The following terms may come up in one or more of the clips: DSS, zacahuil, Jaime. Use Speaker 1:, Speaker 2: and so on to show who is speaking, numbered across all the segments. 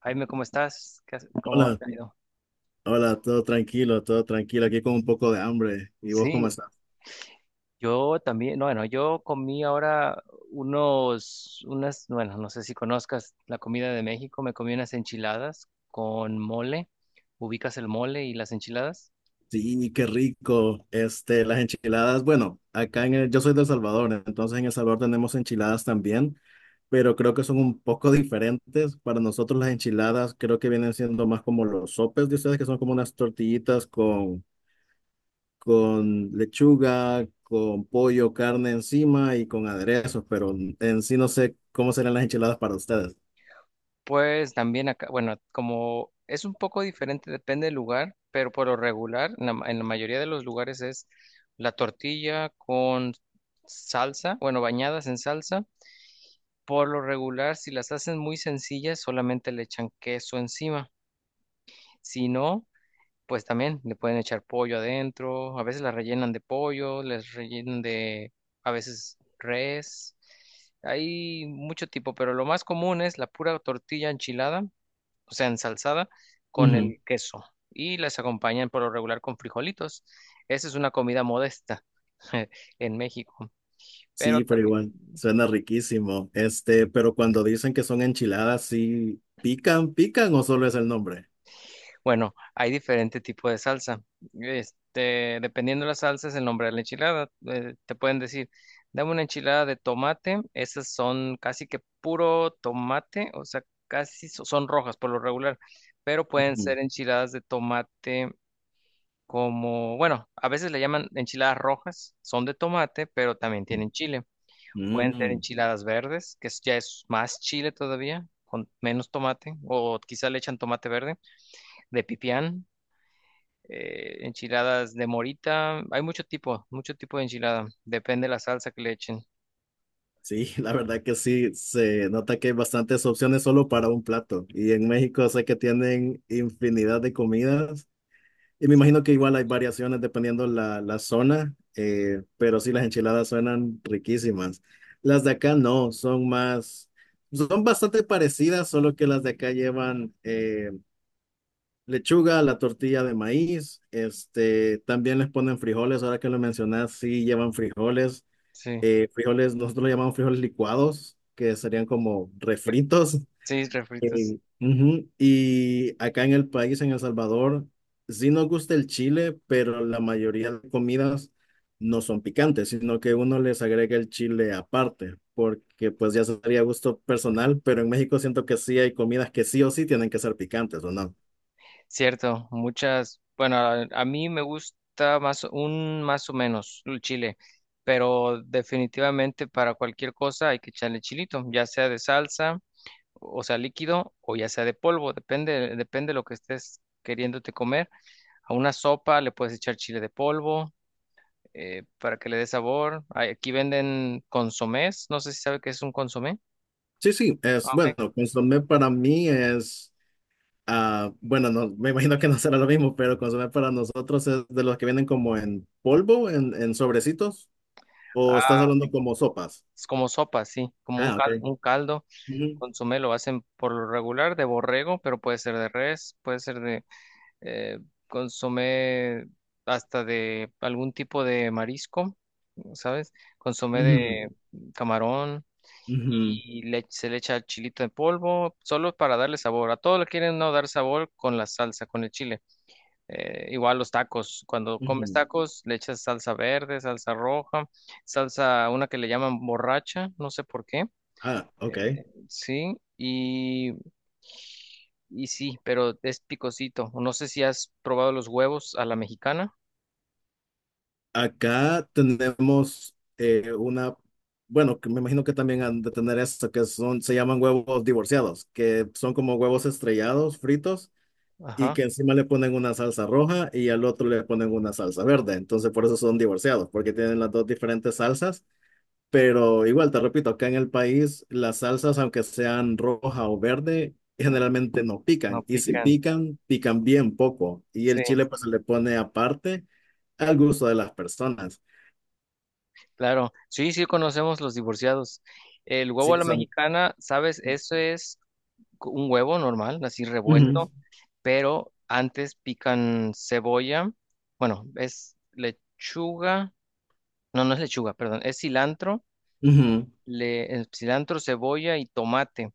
Speaker 1: Jaime, ¿cómo estás? ¿Cómo
Speaker 2: Hola,
Speaker 1: te ha ido?
Speaker 2: hola, todo tranquilo, aquí con un poco de hambre. ¿Y vos cómo
Speaker 1: Sí,
Speaker 2: estás?
Speaker 1: yo también, bueno, yo comí ahora unas, bueno, no sé si conozcas la comida de México. Me comí unas enchiladas con mole. Ubicas el mole y las enchiladas.
Speaker 2: Sí, qué rico. Este, las enchiladas, bueno, acá en yo soy de El Salvador, entonces en El Salvador tenemos enchiladas también, pero creo que son un poco diferentes. Para nosotros las enchiladas creo que vienen siendo más como los sopes de ustedes, que son como unas tortillitas con lechuga, con pollo, carne encima y con aderezos, pero en sí no sé cómo serán las enchiladas para ustedes.
Speaker 1: Pues también acá, bueno, como es un poco diferente, depende del lugar, pero por lo regular, en la mayoría de los lugares es la tortilla con salsa, bueno, bañadas en salsa. Por lo regular, si las hacen muy sencillas, solamente le echan queso encima. Si no, pues también le pueden echar pollo adentro. A veces las rellenan de pollo, les rellenan de, a veces res. Hay mucho tipo, pero lo más común es la pura tortilla enchilada, o sea, ensalzada con el queso. Y las acompañan por lo regular con frijolitos. Esa es una comida modesta en México. Pero
Speaker 2: Sí, pero
Speaker 1: también
Speaker 2: igual, suena riquísimo. Este, pero cuando dicen que son enchiladas, ¿sí pican, pican o solo es el nombre?
Speaker 1: Bueno, hay diferente tipo de salsa. Este, dependiendo de la salsa, el nombre de la enchilada. Te pueden decir, dame una enchilada de tomate. Esas son casi que puro tomate, o sea, son rojas por lo regular, pero pueden
Speaker 2: Ujú.
Speaker 1: ser enchiladas de tomate como, bueno, a veces le llaman enchiladas rojas, son de tomate, pero también tienen chile. Pueden ser
Speaker 2: Mm.
Speaker 1: enchiladas verdes, ya es más chile todavía, con menos tomate, o quizá le echan tomate verde de pipián, enchiladas de morita. Hay mucho tipo de enchilada. Depende de la salsa que le echen.
Speaker 2: Sí, la verdad que sí, se nota que hay bastantes opciones solo para un plato. Y en México sé que tienen infinidad de comidas. Y me imagino que igual hay variaciones dependiendo la zona, pero sí las enchiladas suenan riquísimas. Las de acá no, son más, son bastante parecidas, solo que las de acá llevan lechuga, la tortilla de maíz, este, también les ponen frijoles, ahora que lo mencionas, sí llevan frijoles,
Speaker 1: Sí.
Speaker 2: frijoles, nosotros lo llamamos frijoles licuados, que serían como
Speaker 1: Ya.
Speaker 2: refritos.
Speaker 1: Sí, refritos.
Speaker 2: Eh, ujú. Y acá en el país, en El Salvador, sí nos gusta el chile, pero la mayoría de comidas no son picantes, sino que uno les agrega el chile aparte, porque pues ya sería gusto personal, pero en México siento que sí hay comidas que sí o sí tienen que ser picantes, ¿o no?
Speaker 1: Cierto, muchas. Bueno, a mí me gusta más un más o menos el chile, pero definitivamente para cualquier cosa hay que echarle chilito, ya sea de salsa, o sea líquido, o ya sea de polvo, depende, depende de lo que estés queriéndote comer. A una sopa le puedes echar chile de polvo, para que le dé sabor. Aquí venden consomés, no sé si sabe qué es un consomé.
Speaker 2: Sí, sí, es
Speaker 1: Ah,
Speaker 2: bueno,
Speaker 1: ok.
Speaker 2: consomé para mí es, ah, bueno, no, me imagino que no será lo mismo, pero consomé para nosotros es de los que vienen como en polvo, en sobrecitos,
Speaker 1: Ah,
Speaker 2: o estás hablando
Speaker 1: ok.
Speaker 2: como sopas.
Speaker 1: Es como sopa, sí, como un
Speaker 2: Ah, ok.
Speaker 1: caldo, un caldo.
Speaker 2: Ujú,
Speaker 1: Consomé lo hacen por lo regular de borrego, pero puede ser de res, puede ser de, eh, consomé hasta de algún tipo de marisco, ¿sabes? Consomé
Speaker 2: ujú,
Speaker 1: de camarón
Speaker 2: ujú,
Speaker 1: se le echa chilito en polvo, solo para darle sabor. A todo le quieren no dar sabor con la salsa, con el chile. Igual los tacos, cuando comes
Speaker 2: ujú.
Speaker 1: tacos le echas salsa verde, salsa roja, salsa, una que le llaman borracha, no sé por qué.
Speaker 2: Ah, ok.
Speaker 1: Sí, y sí, pero es picosito. No sé si has probado los huevos a la mexicana.
Speaker 2: Acá tenemos una, bueno, que me imagino que también han de tener esto, que son, se llaman huevos divorciados, que son como huevos estrellados, fritos y
Speaker 1: Ajá,
Speaker 2: que encima le ponen una salsa roja y al otro le ponen una salsa verde. Entonces por eso son divorciados, porque tienen las dos diferentes salsas. Pero igual, te repito, acá en el país las salsas, aunque sean roja o verde, generalmente no
Speaker 1: no
Speaker 2: pican. Y si
Speaker 1: pican.
Speaker 2: pican, pican bien poco. Y el
Speaker 1: Sí,
Speaker 2: chile pues se le pone aparte al gusto de las personas.
Speaker 1: claro. Sí, sí conocemos los divorciados. El huevo a
Speaker 2: Sí,
Speaker 1: la
Speaker 2: son...
Speaker 1: mexicana, ¿sabes? Eso es un huevo normal, así
Speaker 2: Ujú,
Speaker 1: revuelto. Pero antes pican cebolla, bueno, es lechuga, no, no es lechuga, perdón, es cilantro,
Speaker 2: ujú,
Speaker 1: cilantro, cebolla y tomate,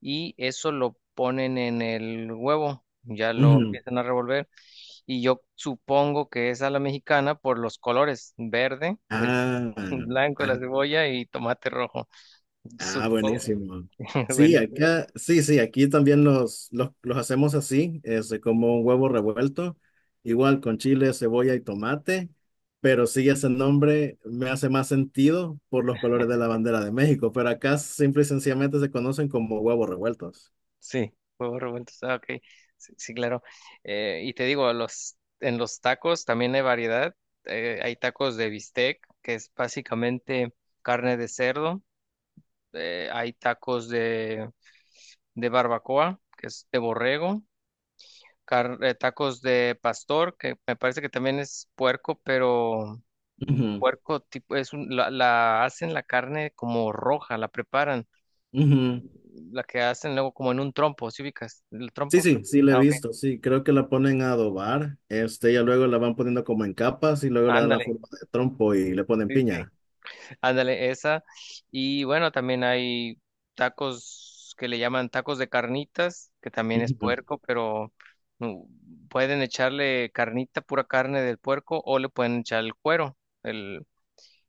Speaker 1: y eso lo ponen en el huevo, ya lo
Speaker 2: ujú.
Speaker 1: empiezan a revolver, y yo supongo que es a la mexicana por los colores, verde, del
Speaker 2: Ah,
Speaker 1: blanco de
Speaker 2: ah.
Speaker 1: la cebolla y tomate rojo,
Speaker 2: Ah,
Speaker 1: supongo.
Speaker 2: buenísimo. Sí,
Speaker 1: Bueno,
Speaker 2: acá, sí, sí, aquí también los hacemos así, es como un huevo revuelto, igual con chile, cebolla y tomate, pero sí ese nombre me hace más sentido por los colores de la bandera de México, pero acá simple y sencillamente se conocen como huevos revueltos.
Speaker 1: sí, huevos revueltos. Ah, ok. Sí, sí, claro. Y te digo, en los tacos también hay variedad. Hay tacos de bistec, que es básicamente carne de cerdo. Hay tacos de barbacoa, que es de borrego. Tacos de pastor, que me parece que también es puerco, pero
Speaker 2: Ujú,
Speaker 1: puerco tipo, la hacen la carne como roja, la preparan.
Speaker 2: ujú.
Speaker 1: La que hacen luego como en un trompo, ¿sí ubicas? El
Speaker 2: Sí,
Speaker 1: trompo.
Speaker 2: sí, sí, le he
Speaker 1: Ah, ok.
Speaker 2: visto, sí, creo que la ponen a adobar, este, ya luego la van poniendo como en capas y luego le dan la
Speaker 1: Ándale,
Speaker 2: forma de trompo y le ponen
Speaker 1: sí, sí,
Speaker 2: piña.
Speaker 1: ándale, esa. Y bueno, también hay tacos que le llaman tacos de carnitas, que también es
Speaker 2: Ujú.
Speaker 1: puerco, pero pueden echarle carnita, pura carne del puerco, o le pueden echar el cuero. El,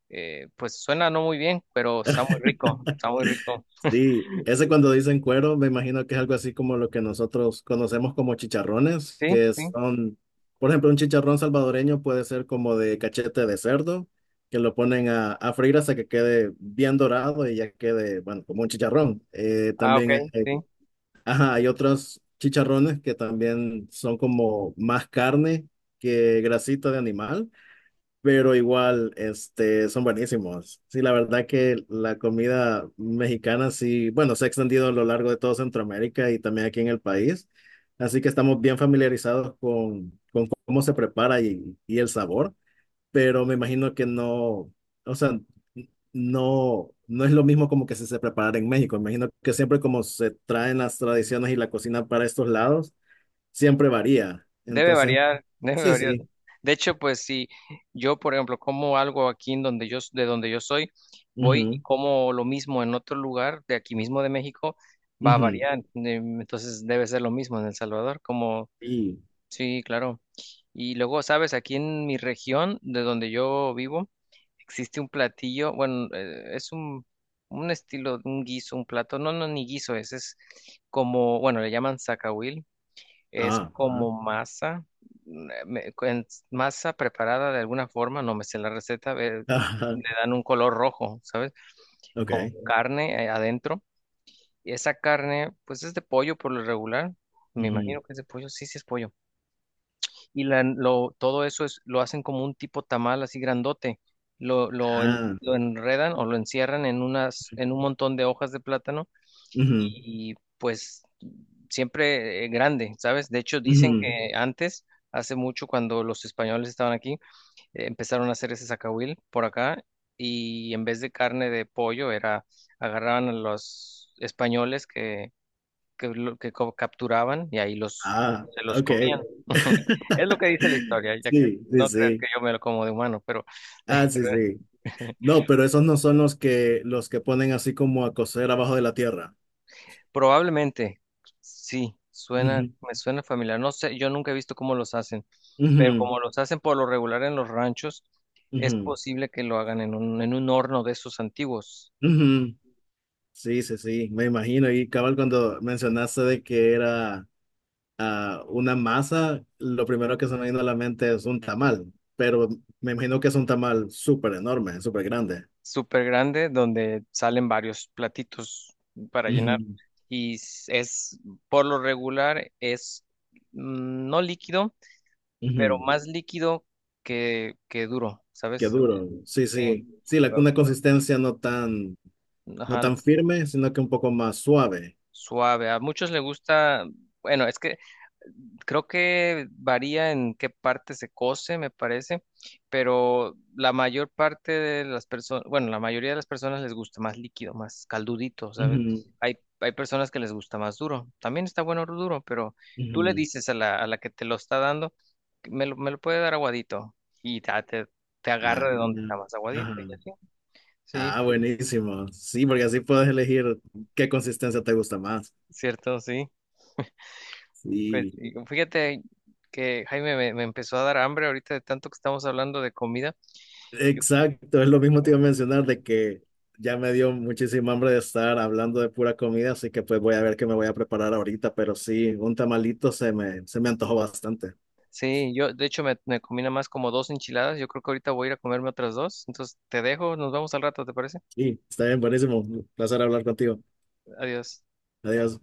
Speaker 1: pues suena no muy bien, pero está muy rico, está muy rico.
Speaker 2: Sí, ese cuando dicen cuero, me imagino que es algo así como lo que nosotros conocemos como chicharrones,
Speaker 1: Sí,
Speaker 2: que
Speaker 1: sí.
Speaker 2: son, por ejemplo, un chicharrón salvadoreño puede ser como de cachete de cerdo, que lo ponen a freír hasta que quede bien dorado y ya quede, bueno, como un chicharrón.
Speaker 1: Ah, ok,
Speaker 2: También hay,
Speaker 1: sí.
Speaker 2: ajá, hay otros chicharrones que también son como más carne que grasita de animal, pero igual, este, son buenísimos. Sí, la verdad que la comida mexicana sí, bueno, se ha extendido a lo largo de todo Centroamérica y también aquí en el país. Así que estamos bien familiarizados con cómo se prepara y el sabor, pero me imagino que no, o sea, no, no es lo mismo como que se preparara en México. Me imagino que siempre como se traen las tradiciones y la cocina para estos lados, siempre varía.
Speaker 1: Debe
Speaker 2: Entonces,
Speaker 1: variar, debe
Speaker 2: sí,
Speaker 1: variar.
Speaker 2: sí.
Speaker 1: De hecho, pues si yo, por ejemplo, como algo aquí de donde yo soy, voy y
Speaker 2: Ujú,
Speaker 1: como lo mismo en otro lugar de aquí mismo de México, va a
Speaker 2: ujú.
Speaker 1: variar. Entonces debe ser lo mismo en El Salvador, como,
Speaker 2: Y
Speaker 1: sí, claro. Y luego, sabes, aquí en mi región, de donde yo vivo, existe un platillo, bueno, es un estilo, un guiso, un plato, no, no, ni guiso, es como, bueno, le llaman zacahuil, es
Speaker 2: ah, ah,
Speaker 1: como masa, mm, eh, me- en- masa preparada de alguna forma, no me sé la receta,
Speaker 2: ah,
Speaker 1: le dan un color rojo, ¿sabes?
Speaker 2: ok.
Speaker 1: Con carne, adentro. Y esa carne, pues es de pollo por lo regular. Me
Speaker 2: Ujú.
Speaker 1: imagino que es de pollo, sí, sí es pollo. Y todo eso es, lo hacen como un tipo tamal así grandote. Lo, lo,
Speaker 2: Ah,
Speaker 1: en- lo enredan o lo encierran en en un montón de hojas de plátano,
Speaker 2: ujú,
Speaker 1: y pues siempre, grande, ¿sabes? De hecho, dicen
Speaker 2: ujú.
Speaker 1: que antes, hace mucho, cuando los españoles estaban aquí, empezaron a hacer ese zacahuil por acá, y en vez de carne de pollo era, agarraban a los españoles que capturaban y ahí
Speaker 2: Ah,
Speaker 1: se los
Speaker 2: ok.
Speaker 1: comían. Es lo que dice la historia, ya
Speaker 2: Sí, sí,
Speaker 1: no creas que
Speaker 2: sí.
Speaker 1: yo me lo como de humano, pero
Speaker 2: Ah, sí, sí. No, pero esos no son los que ponen así como a coser abajo de la tierra.
Speaker 1: probablemente sí,
Speaker 2: Ujú,
Speaker 1: me suena familiar. No sé, yo nunca he visto cómo los hacen. Pero
Speaker 2: ujú,
Speaker 1: como los hacen por lo regular en los ranchos, es
Speaker 2: ujú,
Speaker 1: posible que lo hagan en un horno de esos antiguos,
Speaker 2: ujú. Sí, sí, sí, me imagino. Y cabal, cuando mencionaste de que era ah, una masa, lo primero que se me vino a la mente es un tamal, pero me imagino que es un tamal súper enorme, súper grande.
Speaker 1: súper grande, donde salen varios platitos para llenar.
Speaker 2: Ujú,
Speaker 1: Y s- es, por lo regular, es no líquido, pero
Speaker 2: ujú.
Speaker 1: más líquido que duro,
Speaker 2: Qué
Speaker 1: ¿sabes?
Speaker 2: duro. Sí,
Speaker 1: Sí,
Speaker 2: sí. Sí, una consistencia no tan, no
Speaker 1: ajá,
Speaker 2: tan firme, sino que un poco más suave.
Speaker 1: suave. A muchos les gusta, bueno, es que creo que varía en qué parte se cose, me parece, pero la mayor parte de las personas, bueno, la mayoría de las personas les gusta más líquido, más caldudito, ¿sabes?
Speaker 2: Ujú,
Speaker 1: Hay personas que les gusta más duro. También está bueno duro, pero tú le
Speaker 2: ujú.
Speaker 1: dices a la que te lo está dando, que me lo puede dar aguadito y te
Speaker 2: Ah,
Speaker 1: agarra de donde está más aguadito y
Speaker 2: ajá.
Speaker 1: así. Sí,
Speaker 2: Ah, buenísimo. Sí, porque así puedes elegir qué consistencia te gusta más.
Speaker 1: cierto, sí. Pues
Speaker 2: Sí,
Speaker 1: sí, fíjate que, Jaime, me empezó a dar hambre ahorita de tanto que estamos hablando de comida. Yo creo-
Speaker 2: exacto. Es lo mismo te iba a mencionar de que ya me dio muchísima hambre de estar hablando de pura comida, así que pues voy a ver qué me voy a preparar ahorita, pero sí, un tamalito se me antojó bastante.
Speaker 1: Sí, yo de hecho me combina más como dos enchiladas. Yo creo que ahorita voy a ir a comerme otras dos. Entonces te dejo, nos vemos al rato, ¿te parece?
Speaker 2: Sí, está bien, buenísimo. Un placer hablar contigo.
Speaker 1: Adiós.
Speaker 2: Adiós.